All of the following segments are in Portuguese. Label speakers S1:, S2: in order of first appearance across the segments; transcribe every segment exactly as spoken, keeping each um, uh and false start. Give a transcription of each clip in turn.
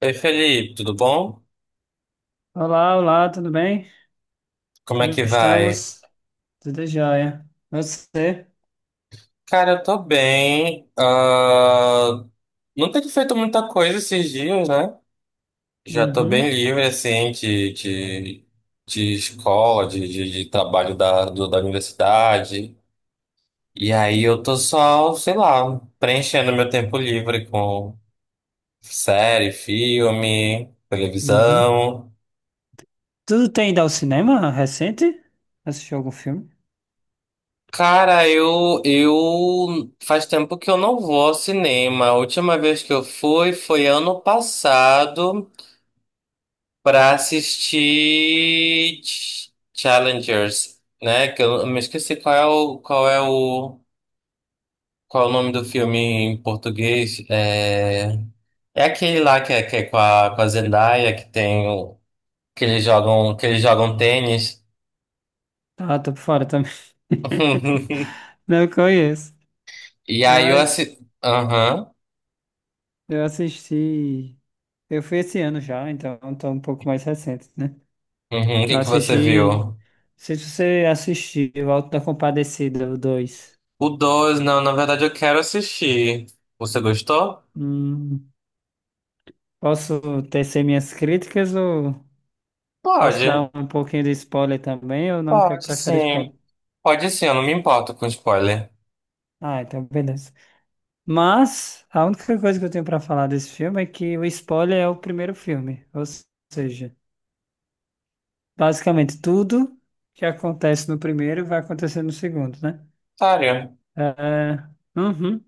S1: Ei, Felipe, tudo bom?
S2: Olá, olá, tudo bem?
S1: Como é
S2: Como
S1: que vai?
S2: estamos? Tudo jóia. Você?
S1: Cara, eu tô bem. Ah, não tenho feito muita coisa esses dias, né? Já tô bem
S2: Uhum,
S1: livre, assim, de, de, de escola, de, de, de trabalho da, do- da universidade. E aí eu tô só, sei lá, preenchendo meu tempo livre com série, filme,
S2: uhum.
S1: televisão.
S2: Tudo tem ido ao cinema recente? Assistiu algum filme?
S1: Cara, eu, eu faz tempo que eu não vou ao cinema. A última vez que eu fui foi ano passado pra assistir Ch- Challengers, né? Que eu eu me esqueci qual é o qual é o qual é o nome do filme em português. É, é aquele lá que é, que é com a, com a Zendaya que tem o, que eles jogam que eles jogam tênis.
S2: Ah, tô por fora também. Não conheço,
S1: E aí eu
S2: mas
S1: assisti. Aham.
S2: eu assisti. Eu fui esse ano já, então tô um pouco mais recente, né?
S1: Uhum. O que
S2: Eu
S1: que você
S2: assisti. Não
S1: viu?
S2: sei se você assistiu Auto da Compadecida, o dois.
S1: O dois não, na verdade eu quero assistir. Você gostou?
S2: Hum, Posso tecer minhas críticas ou. Posso
S1: Pode,
S2: dar um pouquinho de spoiler também ou não quer
S1: pode
S2: prefere spoiler?
S1: sim. Pode sim, eu não me importo com spoiler.
S2: Ah, então beleza. Mas a única coisa que eu tenho pra falar desse filme é que o spoiler é o primeiro filme, ou seja, basicamente tudo que acontece no primeiro vai acontecer no segundo, né?
S1: Sério.
S2: É, uhum.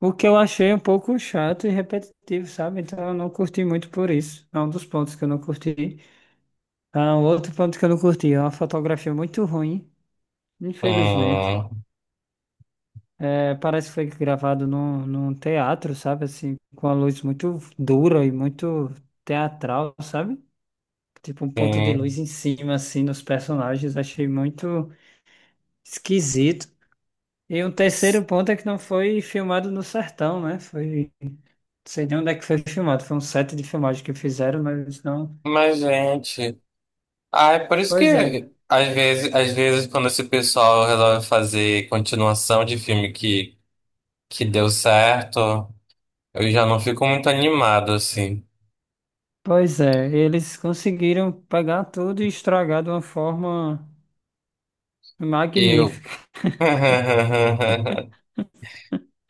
S2: O que eu achei um pouco chato e repetitivo, sabe? Então eu não curti muito por isso. É um dos pontos que eu não curti. Ah, um outro ponto que eu não curti é uma fotografia muito ruim, infelizmente.
S1: Hum,
S2: É, parece que foi gravado num, num teatro, sabe? Assim, com a luz muito dura e muito teatral, sabe? Tipo um ponto de
S1: sim.
S2: luz em cima, assim, nos personagens. Achei muito esquisito. E um terceiro ponto é que não foi filmado no sertão, né? Foi, não sei nem onde é que foi filmado. Foi um set de filmagem que fizeram, mas não.
S1: Mas, gente. Ah, é por isso
S2: Pois é,
S1: que às vezes, às vezes quando esse pessoal resolve fazer continuação de filme que, que deu certo, eu já não fico muito animado, assim.
S2: pois é. Eles conseguiram pegar tudo e estragar de uma forma
S1: Eu.
S2: magnífica.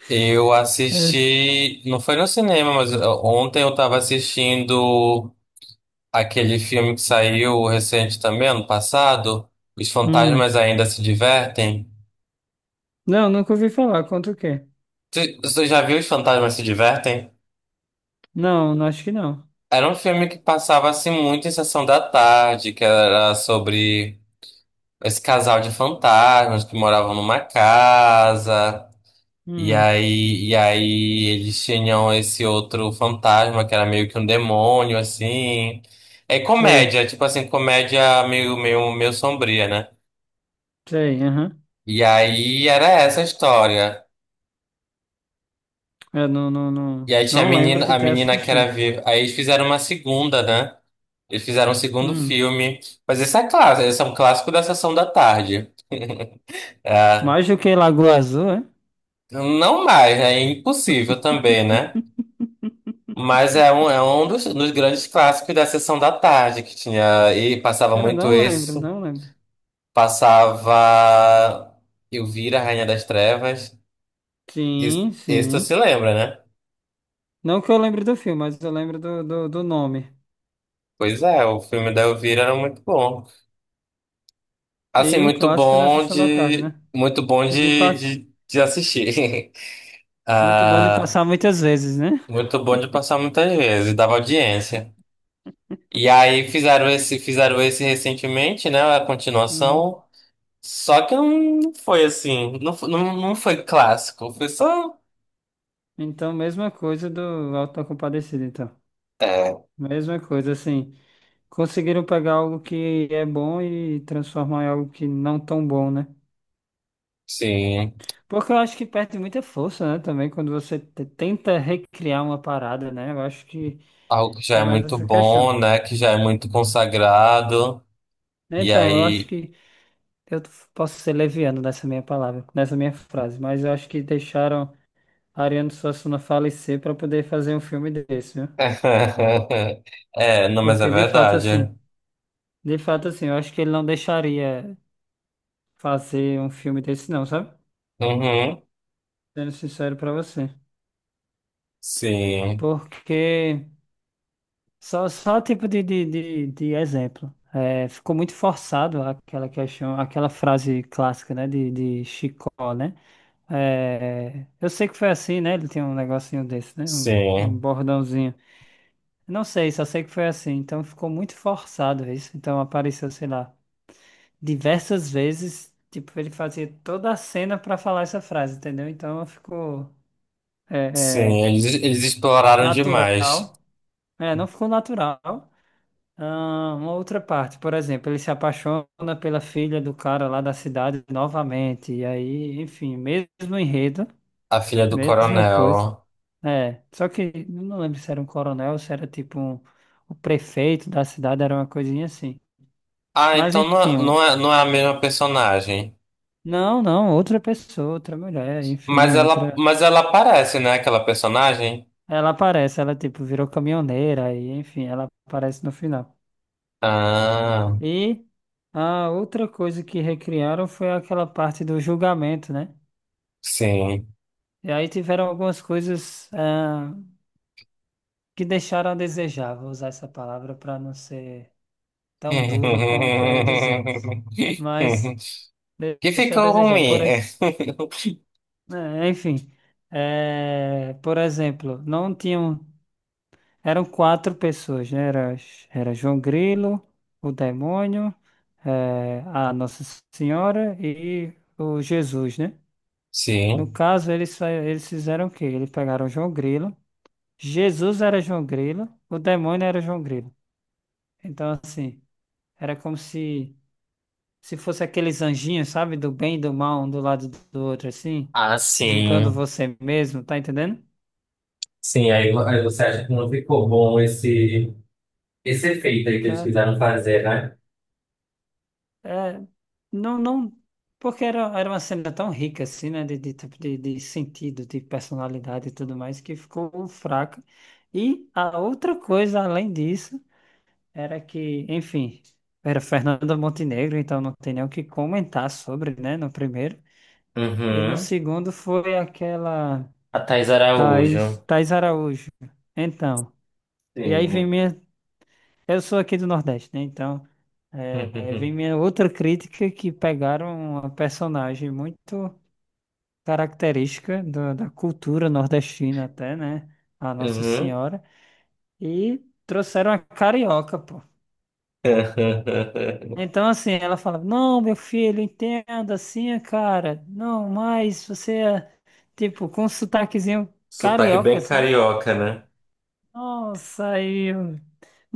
S1: Eu
S2: É.
S1: assisti, não foi no cinema, mas ó, ontem eu tava assistindo aquele filme que saiu recente também, ano passado, Os Fantasmas
S2: Hum.
S1: Ainda Se Divertem.
S2: Não, nunca ouvi falar. Conta o quê?
S1: Tu- Você já viu Os Fantasmas Se Divertem?
S2: Não, não acho que não.
S1: Era um filme que passava assim muito em sessão da tarde, que era sobre esse casal de fantasmas que moravam numa casa. E
S2: Hum,
S1: aí, e aí eles tinham esse outro fantasma que era meio que um demônio, assim. É
S2: Sei,
S1: comédia, tipo assim, comédia meio, meio, meio sombria, né?
S2: sei, aham.
S1: E aí era essa a história.
S2: Eu não, não, não,
S1: E aí tinha a
S2: não lembro de
S1: menina, a
S2: ter
S1: menina que era
S2: assistido.
S1: viva. Aí eles fizeram uma segunda, né? Eles fizeram um segundo
S2: Hum,
S1: filme. Mas esse é clássico, esse é um clássico da sessão da tarde. É,
S2: Mais do que Lagoa Azul, é?
S1: não mais, né? É impossível também, né? Mas é um, é um dos, dos grandes clássicos da sessão da tarde que tinha. E passava
S2: Cara,
S1: muito
S2: não lembro,
S1: isso.
S2: não lembro.
S1: Passava Elvira, Rainha das Trevas. Isso,
S2: Sim,
S1: isso tu se
S2: sim.
S1: lembra, né?
S2: Não que eu lembre do filme, mas eu lembro do, do, do nome.
S1: Pois é, o filme da Elvira era muito bom. Assim,
S2: E um
S1: muito
S2: clássico da
S1: bom
S2: Sessão da Tarde,
S1: de.
S2: né?
S1: Muito bom
S2: De
S1: de,
S2: pass...
S1: de, de assistir.
S2: Muito bom de
S1: Ah,
S2: passar muitas vezes, né?
S1: muito bom de passar muitas vezes, dava audiência. E aí fizeram esse, fizeram esse recentemente, né? A
S2: Uhum.
S1: continuação. Só que não foi assim, não, fo- não, não foi clássico, foi só,
S2: Então, mesma coisa do Auto da Compadecida, então. Mesma coisa, assim. Conseguiram pegar algo que é bom e transformar em algo que não tão bom, né?
S1: sim,
S2: Porque eu acho que perde muita força, né? Também quando você te- tenta recriar uma parada, né? Eu acho que,
S1: algo que
S2: que
S1: já
S2: é
S1: é
S2: mais
S1: muito
S2: essa questão.
S1: bom, né? Que já é muito consagrado. E
S2: Então, eu acho
S1: aí.
S2: que eu t- posso ser leviano nessa minha palavra, nessa minha frase, mas eu acho que deixaram Ariano Suassuna falecer para poder fazer um filme desse, viu?
S1: É, não, mas é
S2: Porque de fato,
S1: verdade.
S2: assim, de fato, assim, eu acho que ele não deixaria fazer um filme desse, não, sabe?
S1: Uhum.
S2: Sendo sincero pra você.
S1: Sim,
S2: Porque só, só tipo de, de, de, de exemplo. É, ficou muito forçado aquela questão, aquela frase clássica, né, de, de Chicó, né? É, eu sei que foi assim, né? Ele tem um negocinho desse, né? Um, um
S1: sim,
S2: bordãozinho. Não sei, só sei que foi assim. Então ficou muito forçado isso. Então apareceu, sei lá, diversas vezes. Tipo, ele fazia toda a cena pra falar essa frase, entendeu? Então ficou é, é,
S1: sim. Eles, eles exploraram demais
S2: natural. É, não ficou natural. Ah, uma outra parte, por exemplo, ele se apaixona pela filha do cara lá da cidade novamente, e aí, enfim, mesmo enredo,
S1: a filha do
S2: mesma coisa.
S1: coronel.
S2: É, só que não lembro se era um coronel, ou se era tipo um, o prefeito da cidade, era uma coisinha assim.
S1: Ah,
S2: Mas
S1: então não,
S2: enfim,
S1: é-
S2: um-
S1: não é, não é a mesma personagem.
S2: não, não, outra pessoa, outra mulher,
S1: Mas
S2: enfim,
S1: ela,
S2: outra.
S1: mas ela aparece, né? Aquela personagem.
S2: Ela aparece, ela tipo virou caminhoneira, e enfim, ela aparece no final.
S1: Ah,
S2: E a outra coisa que recriaram foi aquela parte do julgamento, né?
S1: sim.
S2: E aí tiveram algumas coisas, ah, que deixaram a desejar, vou usar essa palavra para não ser
S1: que
S2: tão duro com o que eu ia dizer. Mas de- deixar a
S1: ficou
S2: desejar.
S1: ruim.
S2: Por,
S1: É.
S2: ex- é, enfim, é, por exemplo, não tinham. Eram quatro pessoas, né? Era, era João Grilo, o demônio, é, a Nossa Senhora e o Jesus, né? No
S1: Sim.
S2: caso, eles, fa- eles fizeram o quê? Eles pegaram o João Grilo. Jesus era João Grilo, o demônio era João Grilo. Então, assim, era como se se fosse aqueles anjinhos, sabe? Do bem e do mal, um do lado do outro, assim,
S1: Ah,
S2: julgando
S1: sim.
S2: você mesmo, tá entendendo?
S1: Sim, aí, vo- aí você acha que não ficou bom esse, esse efeito aí que
S2: Que
S1: eles
S2: é,
S1: quiseram fazer, né?
S2: é, não, não, porque era, era uma cena tão rica, assim, né? De, de, tipo de, de sentido, de personalidade e tudo mais, que ficou fraca. E a outra coisa, além disso. Era que, enfim, era Fernanda Montenegro, então não tem nem o que comentar sobre, né, no primeiro. E no
S1: Uhum.
S2: segundo foi aquela
S1: A Thais Araújo.
S2: Thais, Thais Araújo. Então, e aí vem
S1: Sim.
S2: minha. Eu sou aqui do Nordeste, né? Então, é, é, vem
S1: Uhum.
S2: minha outra crítica que pegaram uma personagem muito característica do- da cultura nordestina, até, né? A Nossa
S1: Uhum.
S2: Senhora, e trouxeram a carioca, pô. Então, assim, ela fala: Não, meu filho, entenda, assim, é cara. Não, mas você é, tipo, com um sotaquezinho
S1: Sotaque
S2: carioca,
S1: bem
S2: sabe?
S1: carioca, né?
S2: Nossa, aí eu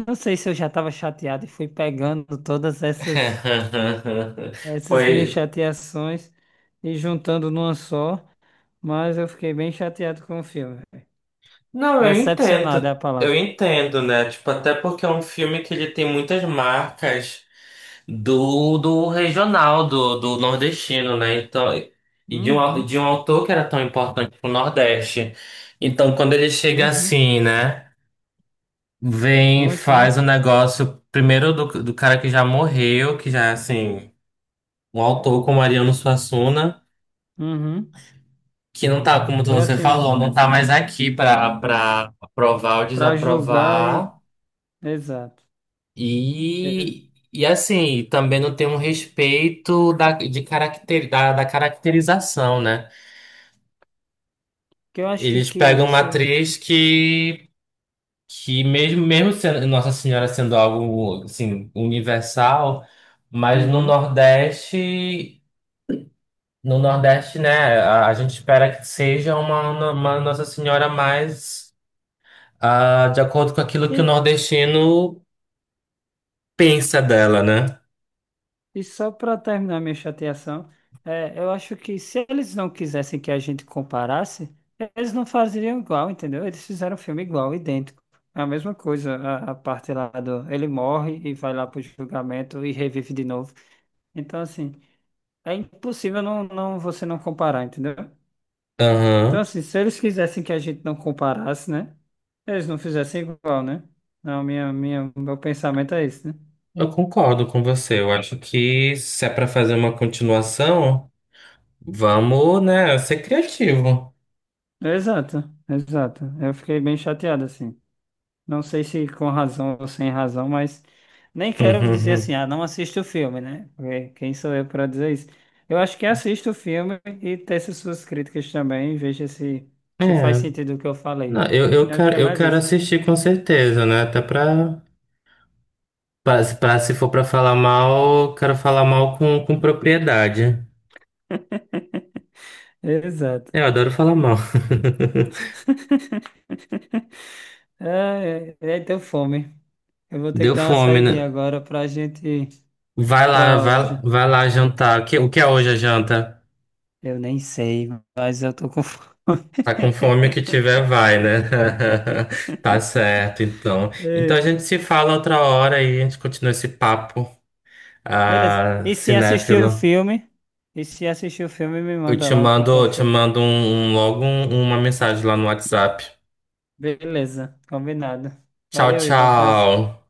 S2: não sei se eu já estava chateado e fui pegando todas essas, essas minhas
S1: Foi.
S2: chateações e juntando numa só, mas eu fiquei bem chateado com o filme.
S1: Não, eu
S2: Decepcionado é
S1: entendo.
S2: a
S1: Eu
S2: palavra.
S1: entendo, né? Tipo, até porque é um filme que ele tem muitas marcas do, do regional, do, do nordestino, né? Então, e de um, au-
S2: Uhum,
S1: de um autor que era tão importante pro Nordeste. Então, quando ele chega
S2: uhum,
S1: assim, né? Vem,
S2: muito,
S1: faz
S2: muito.
S1: o negócio primeiro do, do cara que já morreu, que já, é, assim, um autor como Ariano Suassuna,
S2: Uhum.
S1: que não tá, como
S2: É
S1: você
S2: assim,
S1: falou, não tá mais aqui pra, pra aprovar ou
S2: pra julgar e.
S1: desaprovar.
S2: Exato.
S1: E, e assim, também não tem um respeito da, de caracter, da, da caracterização, né?
S2: Que eu acho que,
S1: Eles
S2: que
S1: pegam uma
S2: isso.
S1: atriz que, que mesmo, mesmo sendo Nossa Senhora sendo algo assim, universal, mas no
S2: Uhum.
S1: Nordeste, no Nordeste, né, a, a gente espera que seja uma, uma Nossa Senhora mais ah, de acordo com aquilo que o
S2: E,
S1: nordestino pensa dela, né?
S2: e só para terminar minha chateação, é, eu acho que se eles não quisessem que a gente comparasse, eles não faziam igual, entendeu? Eles fizeram um filme igual, idêntico. É a mesma coisa, a, a parte lá do. Ele morre e vai lá pro julgamento e revive de novo. Então, assim, é impossível não, não, você não comparar, entendeu? Então,
S1: Aham.
S2: assim, se eles quisessem que a gente não comparasse, né? Eles não fizessem igual, né? Não, minha, minha, meu pensamento é esse, né?
S1: Eu concordo com você. Eu acho que se é para fazer uma continuação, vamos, né, ser criativo.
S2: Exato, exato. Eu fiquei bem chateado, assim. Não sei se com razão ou sem razão, mas nem quero dizer assim,
S1: Uhum.
S2: ah, não assiste o filme, né? Porque quem sou eu para dizer isso? Eu acho que assista o filme e teça suas críticas também, veja se, se faz
S1: É,
S2: sentido o que eu falei.
S1: não, eu, eu
S2: Eu acho que é
S1: quero, eu
S2: mais
S1: quero
S2: isso.
S1: assistir com certeza, né? Até pra, pra, se pra- se for pra falar mal, eu quero falar mal com, com propriedade.
S2: Exato.
S1: Eu adoro falar mal.
S2: Ah, é, é, deu fome. Eu vou ter que
S1: Deu
S2: dar uma
S1: fome, né?
S2: saidinha agora pra gente.
S1: Vai lá,
S2: Pra
S1: vai, vai lá jantar. O que, o que é hoje a janta?
S2: Eu nem sei, mas eu tô com fome.
S1: Tá com fome o que tiver vai, né? Tá certo, então. Então a
S2: É,
S1: gente se fala outra hora e a gente continua esse papo,
S2: beleza.
S1: ah,
S2: E se assistir o
S1: cinéfilo.
S2: filme? E se assistir o filme, me
S1: Eu
S2: manda
S1: te
S2: lá o que é que
S1: mando, te
S2: achou.
S1: mando um, um- logo um- uma mensagem lá no WhatsApp.
S2: Beleza, combinado.
S1: Tchau,
S2: Valeu, Ivo. Abraço.
S1: tchau.